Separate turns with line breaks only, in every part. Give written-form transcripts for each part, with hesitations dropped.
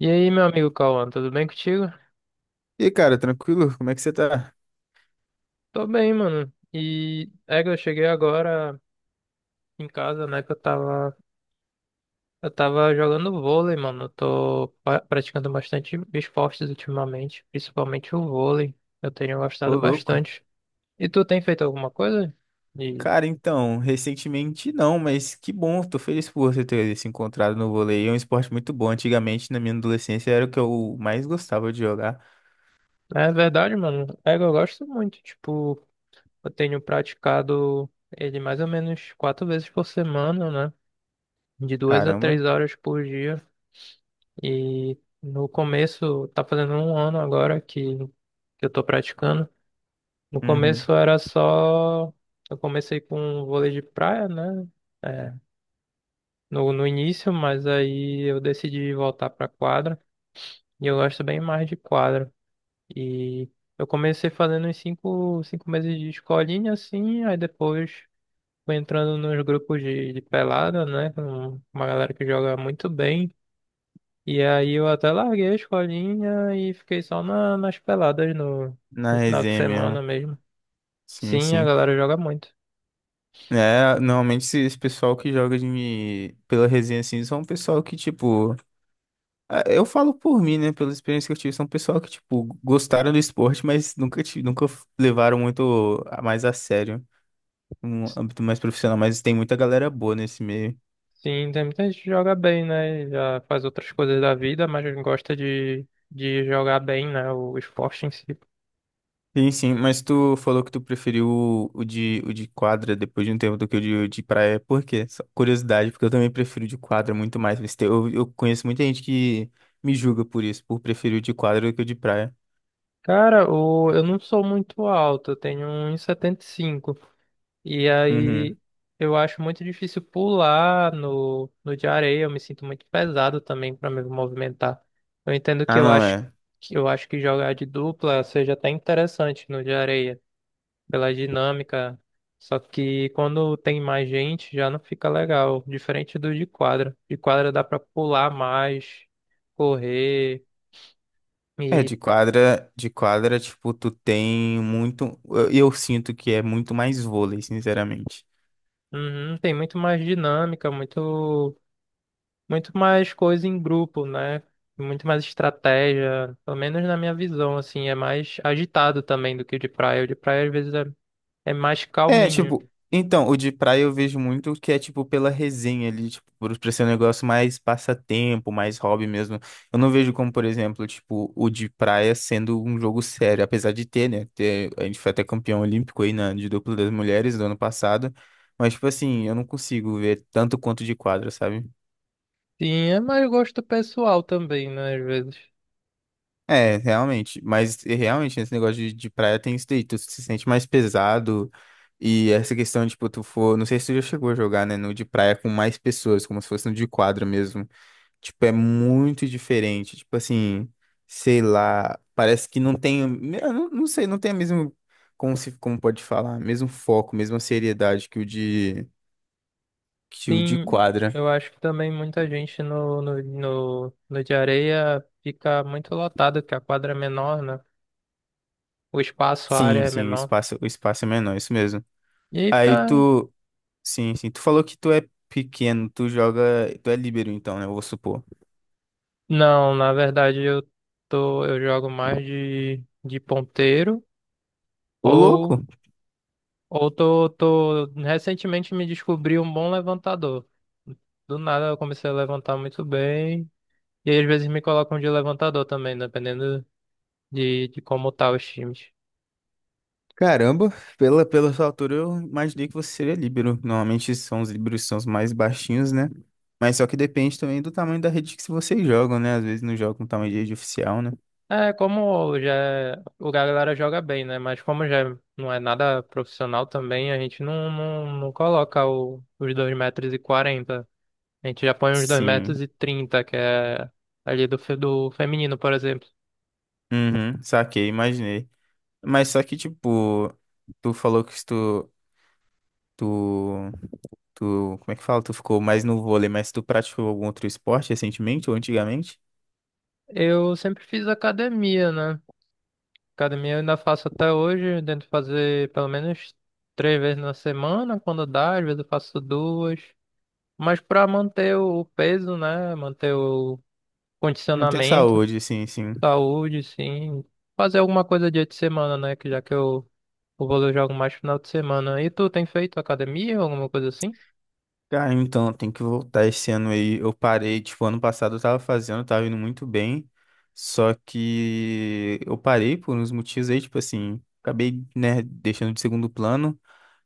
E aí, meu amigo Cauã, tudo bem contigo?
E aí, cara, tranquilo? Como é que você tá?
Tô bem, mano. E é que eu cheguei agora em casa, né, que eu tava jogando vôlei, mano. Eu tô praticando bastante esportes ultimamente, principalmente o vôlei. Eu tenho gostado
Ô, louco.
bastante. E tu tem feito alguma coisa? E
Cara, então, recentemente não, mas que bom, tô feliz por você ter se encontrado no vôlei. É um esporte muito bom. Antigamente, na minha adolescência, era o que eu mais gostava de jogar.
né, é verdade, mano. É que eu gosto muito. Tipo, eu tenho praticado ele mais ou menos 4 vezes por semana, né? De duas a
Caramba.
três horas por dia. E no começo, tá fazendo um ano agora que eu tô praticando. No
Uhum.
começo era só. Eu comecei com vôlei de praia, né? É, no início, mas aí eu decidi voltar pra quadra. E eu gosto bem mais de quadra. E eu comecei fazendo uns cinco meses de escolinha, assim, aí depois fui entrando nos grupos de pelada, né? Com uma galera que joga muito bem. E aí eu até larguei a escolinha e fiquei só nas peladas no,
Na
no final de
resenha
semana
mesmo.
mesmo.
Sim,
Sim, a
sim.
galera joga muito.
É, normalmente esse pessoal que joga de pela resenha, assim, são um pessoal que, tipo, ah, eu falo por mim, né? Pela experiência que eu tive, são pessoal que, tipo, gostaram do esporte, mas nunca, nunca levaram muito a mais a sério. Um âmbito mais profissional, mas tem muita galera boa nesse meio.
Sim, tem muita gente que joga bem, né? Já faz outras coisas da vida, mas gosta de jogar bem, né? O esporte em si.
Sim, sim, mas tu falou que tu preferiu o de quadra depois de um tempo do que de praia. Por quê? Só curiosidade, porque eu também prefiro o de quadra muito mais, mas eu, conheço muita gente que me julga por isso, por preferir o de quadra do que o de praia.
Cara, eu não sou muito alto, eu tenho 1,75 m. E
Uhum.
aí eu acho muito difícil pular no de areia, eu me sinto muito pesado também para me movimentar. Eu entendo que
Ah,
eu
não
acho
é.
que eu acho que jogar de dupla seja até interessante no de areia, pela dinâmica. Só que quando tem mais gente já não fica legal, diferente do de quadra. De quadra dá para pular mais, correr.
É,
e
de quadra, tipo, tu tem muito. Eu sinto que é muito mais vôlei, sinceramente.
uhum, tem muito mais dinâmica, muito muito mais coisa em grupo, né? Muito mais estratégia, pelo menos na minha visão, assim, é mais agitado também do que o de praia. O de praia às vezes é mais
É,
calminho.
tipo, então, o de praia eu vejo muito que é, tipo, pela resenha ali, tipo, por ser um negócio mais passatempo, mais hobby mesmo. Eu não vejo como, por exemplo, tipo, o de praia sendo um jogo sério, apesar de ter, né? Ter, a gente foi até campeão olímpico aí na, de duplo das mulheres do ano passado, mas, tipo assim, eu não consigo ver tanto quanto de quadra, sabe?
Sim, é mais gosto pessoal também, né? Às vezes.
É, realmente. Mas e, realmente, esse negócio de praia tem isso daí. Tu se sente mais pesado. E essa questão, de tipo, tu for. Não sei se tu já chegou a jogar, né? No de praia com mais pessoas, como se fosse no de quadra mesmo. Tipo, é muito diferente. Tipo assim, sei lá. Parece que não tem. Eu não, não sei, não tem a mesma. Como se, como pode falar? Mesmo foco, mesma seriedade que que o de
Sim,
quadra.
eu acho que também muita gente no de areia fica muito lotada, porque a quadra é menor, né? O espaço, a área
Sim,
é
sim,
menor.
o espaço é menor, isso mesmo.
E aí
Aí
fica.
tu. Sim, sim. Tu falou que tu é pequeno, tu joga, tu é líbero então, né? Eu vou supor.
Não, na verdade eu jogo mais de ponteiro.
Ô,
Ou
louco!
Ou tô recentemente me descobri um bom levantador. Do nada eu comecei a levantar muito bem. E aí, às vezes me colocam de levantador também, dependendo de como tá os times.
Caramba, pela sua altura eu imaginei que você seria líbero. Normalmente são os líberos que são os mais baixinhos, né? Mas só que depende também do tamanho da rede que vocês jogam, né? Às vezes não jogam com tamanho de rede oficial, né?
É, como já o galera joga bem, né? Mas como já não é nada profissional também, a gente não coloca os 2,40 m. A gente já põe os dois
Sim.
metros e trinta que é ali do feminino, por exemplo.
Uhum, saquei, imaginei. Mas só que, tipo, tu falou que tu, tu, tu, como é que fala? Tu ficou mais no vôlei, mas tu praticou algum outro esporte recentemente ou antigamente?
Eu sempre fiz academia, né? Academia eu ainda faço até hoje, eu tento fazer pelo menos 3 vezes na semana, quando dá, às vezes eu faço duas. Mas para manter o peso, né? Manter o
Manter
condicionamento,
saúde, sim, sim.
saúde, sim. Fazer alguma coisa dia de semana, né? Que já que o vôlei eu jogo mais final de semana. E tu tem feito academia ou alguma coisa assim?
Cara, então, tem que voltar esse ano aí. Eu parei, tipo, ano passado eu tava fazendo, tava indo muito bem. Só que eu parei por uns motivos aí, tipo assim, acabei, né, deixando de segundo plano,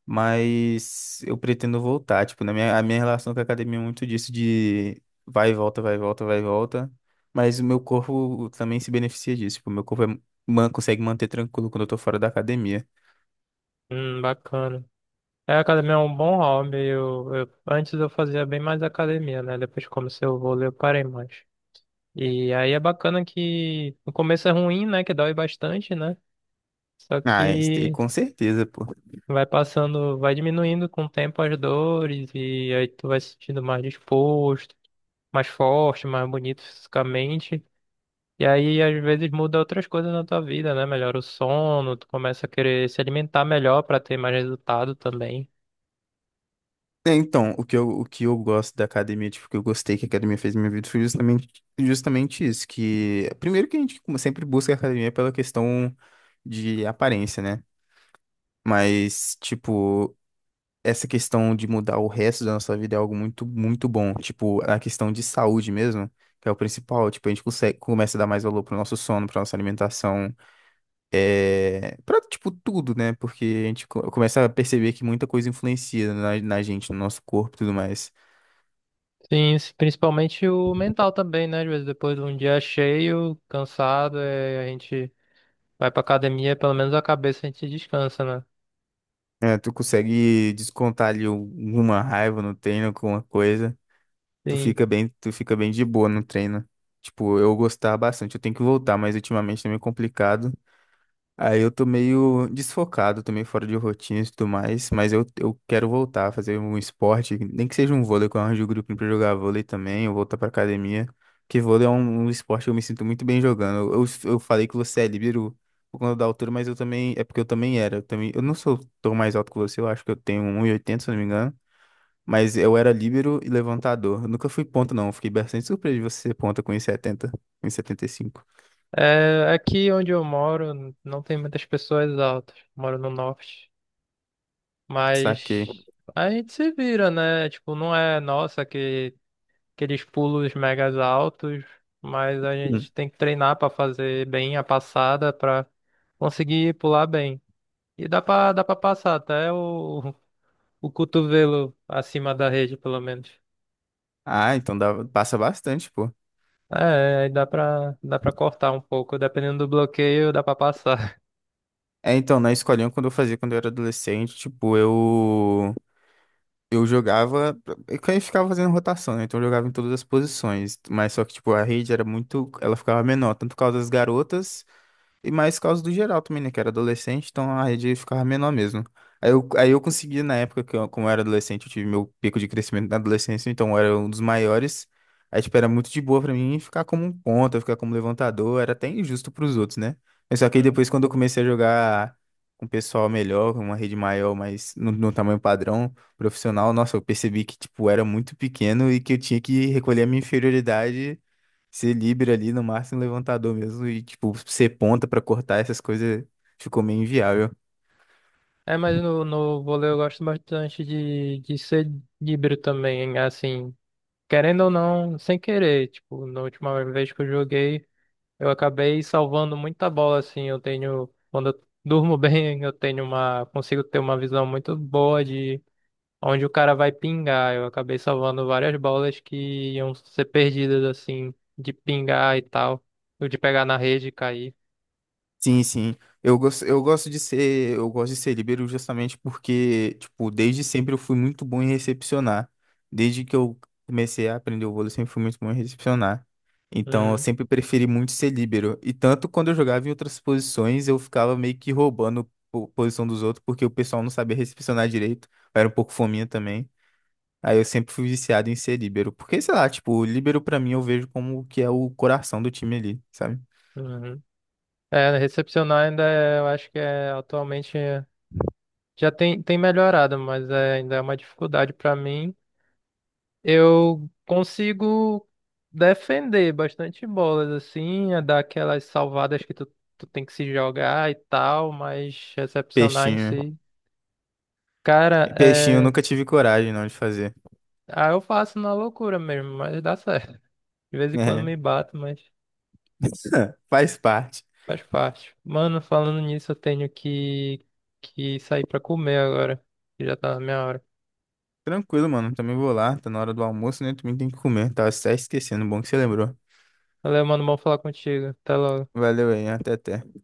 mas eu pretendo voltar. Tipo, a minha relação com a academia é muito disso de vai e volta, vai e volta, vai e volta. Mas o meu corpo também se beneficia disso. Tipo, o meu corpo consegue manter tranquilo quando eu tô fora da academia.
Bacana. É, academia é um bom hobby. Eu antes eu fazia bem mais academia, né? Depois que comecei o vôlei eu parei mais. E aí é bacana que no começo é ruim, né? Que dói bastante, né? Só
Ah, é isso daí
que
com certeza, pô.
vai passando, vai diminuindo com o tempo as dores e aí tu vai se sentindo mais disposto, mais forte, mais bonito fisicamente. E aí às vezes muda outras coisas na tua vida, né? Melhora o sono, tu começa a querer se alimentar melhor pra ter mais resultado também.
É, então, o que eu gosto da academia, tipo, o que eu gostei que a academia fez na minha vida foi justamente isso, que primeiro que a gente sempre busca a academia pela questão de aparência, né? Mas, tipo, essa questão de mudar o resto da nossa vida é algo muito, muito bom. Tipo, a questão de saúde mesmo, que é o principal, tipo, a gente consegue, começa a dar mais valor pro nosso sono, pra nossa alimentação, é, pra, tipo, tudo, né? Porque a gente começa a perceber que muita coisa influencia na gente, no nosso corpo e tudo mais.
Sim, principalmente o mental também, né? Às vezes depois de um dia cheio, cansado, é, a gente vai pra academia, pelo menos a cabeça a gente descansa, né?
É, tu consegue descontar ali alguma raiva no treino, alguma coisa.
Sim.
Tu fica bem de boa no treino. Tipo, eu gostava bastante. Eu tenho que voltar, mas ultimamente tá meio complicado. Aí eu tô meio desfocado, tô meio fora de rotina e tudo mais, mas eu quero voltar a fazer um esporte, nem que seja um vôlei, que eu arranjo o grupo pra jogar vôlei também, eu voltar pra academia, porque vôlei é um esporte que eu me sinto muito bem jogando. Eu falei que você é líbero por conta da altura, mas eu também, é porque eu também era, eu também, eu não sou tão mais alto que você, eu acho que eu tenho 1,80, se eu não me engano, mas eu era líbero e levantador, eu nunca fui ponta não, eu fiquei bastante surpreso de você ser ponta com 1,70, 1,75.
É, aqui onde eu moro não tem muitas pessoas altas. Moro no norte.
Saquei.
Mas a gente se vira, né? Tipo, não é nossa que aqueles pulos megas altos, mas a gente tem que treinar pra fazer bem a passada pra conseguir pular bem. E dá pra passar até o, o cotovelo acima da rede, pelo menos.
Ah, então dá, passa bastante, pô.
É, aí dá pra cortar um pouco. Dependendo do bloqueio, dá pra passar.
É, então, na escolinha, quando eu fazia, quando eu era adolescente, eu jogava, eu ficava fazendo rotação, né? Então eu jogava em todas as posições, mas só que, tipo, a rede era muito, ela ficava menor, tanto por causa das garotas e mais por causa do geral também, né? Que era adolescente, então a rede ficava menor mesmo. Aí eu consegui, na época que eu, como eu era adolescente, eu tive meu pico de crescimento na adolescência, então eu era um dos maiores. Aí, tipo, era muito de boa pra mim ficar como um ponta, ficar como levantador, era até injusto pros outros, né? Mas só que aí depois, quando eu comecei a jogar com um pessoal melhor, com uma rede maior, mas no tamanho padrão, profissional, nossa, eu percebi que, tipo, era muito pequeno e que eu tinha que recolher a minha inferioridade. Ser livre ali no máximo levantador mesmo e, tipo, ser ponta pra cortar essas coisas ficou meio inviável.
É, mas no vôlei eu gosto bastante de ser líbero também, assim, querendo ou não, sem querer, tipo, na última vez que eu joguei, eu acabei salvando muita bola, assim, eu tenho, quando eu durmo bem, eu tenho consigo ter uma visão muito boa de onde o cara vai pingar, eu acabei salvando várias bolas que iam ser perdidas, assim, de pingar e tal, ou de pegar na rede e cair.
Sim, sim. Eu gosto de ser líbero justamente porque, tipo, desde sempre eu fui muito bom em recepcionar. Desde que eu comecei a aprender o vôlei, eu sempre fui muito bom em recepcionar. Então, eu
Hum,
sempre preferi muito ser líbero. E tanto quando eu jogava em outras posições, eu ficava meio que roubando posição dos outros porque o pessoal não sabia recepcionar direito. Eu era um pouco fominha também. Aí eu sempre fui viciado em ser líbero, porque sei lá, tipo, o líbero pra mim eu vejo como que é o coração do time ali, sabe?
uhum. É, recepcionar ainda é, eu acho que é atualmente já tem, melhorado, mas ainda é uma dificuldade para mim. Eu consigo defender bastante bolas, assim, é dar aquelas salvadas que tu tem que se jogar e tal, mas recepcionar em
Peixinho.
si. Cara,
Peixinho eu
é.
nunca tive coragem não de fazer.
Ah, eu faço na loucura mesmo, mas dá certo. De vez em quando
É.
me bato, mas
Faz parte.
faz parte. Mano, falando nisso, eu tenho que sair pra comer agora, que já tá na minha hora.
Tranquilo, mano. Também vou lá, tá na hora do almoço, né? Também tem que comer. Tava até esquecendo, bom que você lembrou.
Valeu, mano, bom falar contigo. Até logo.
Valeu aí, até até.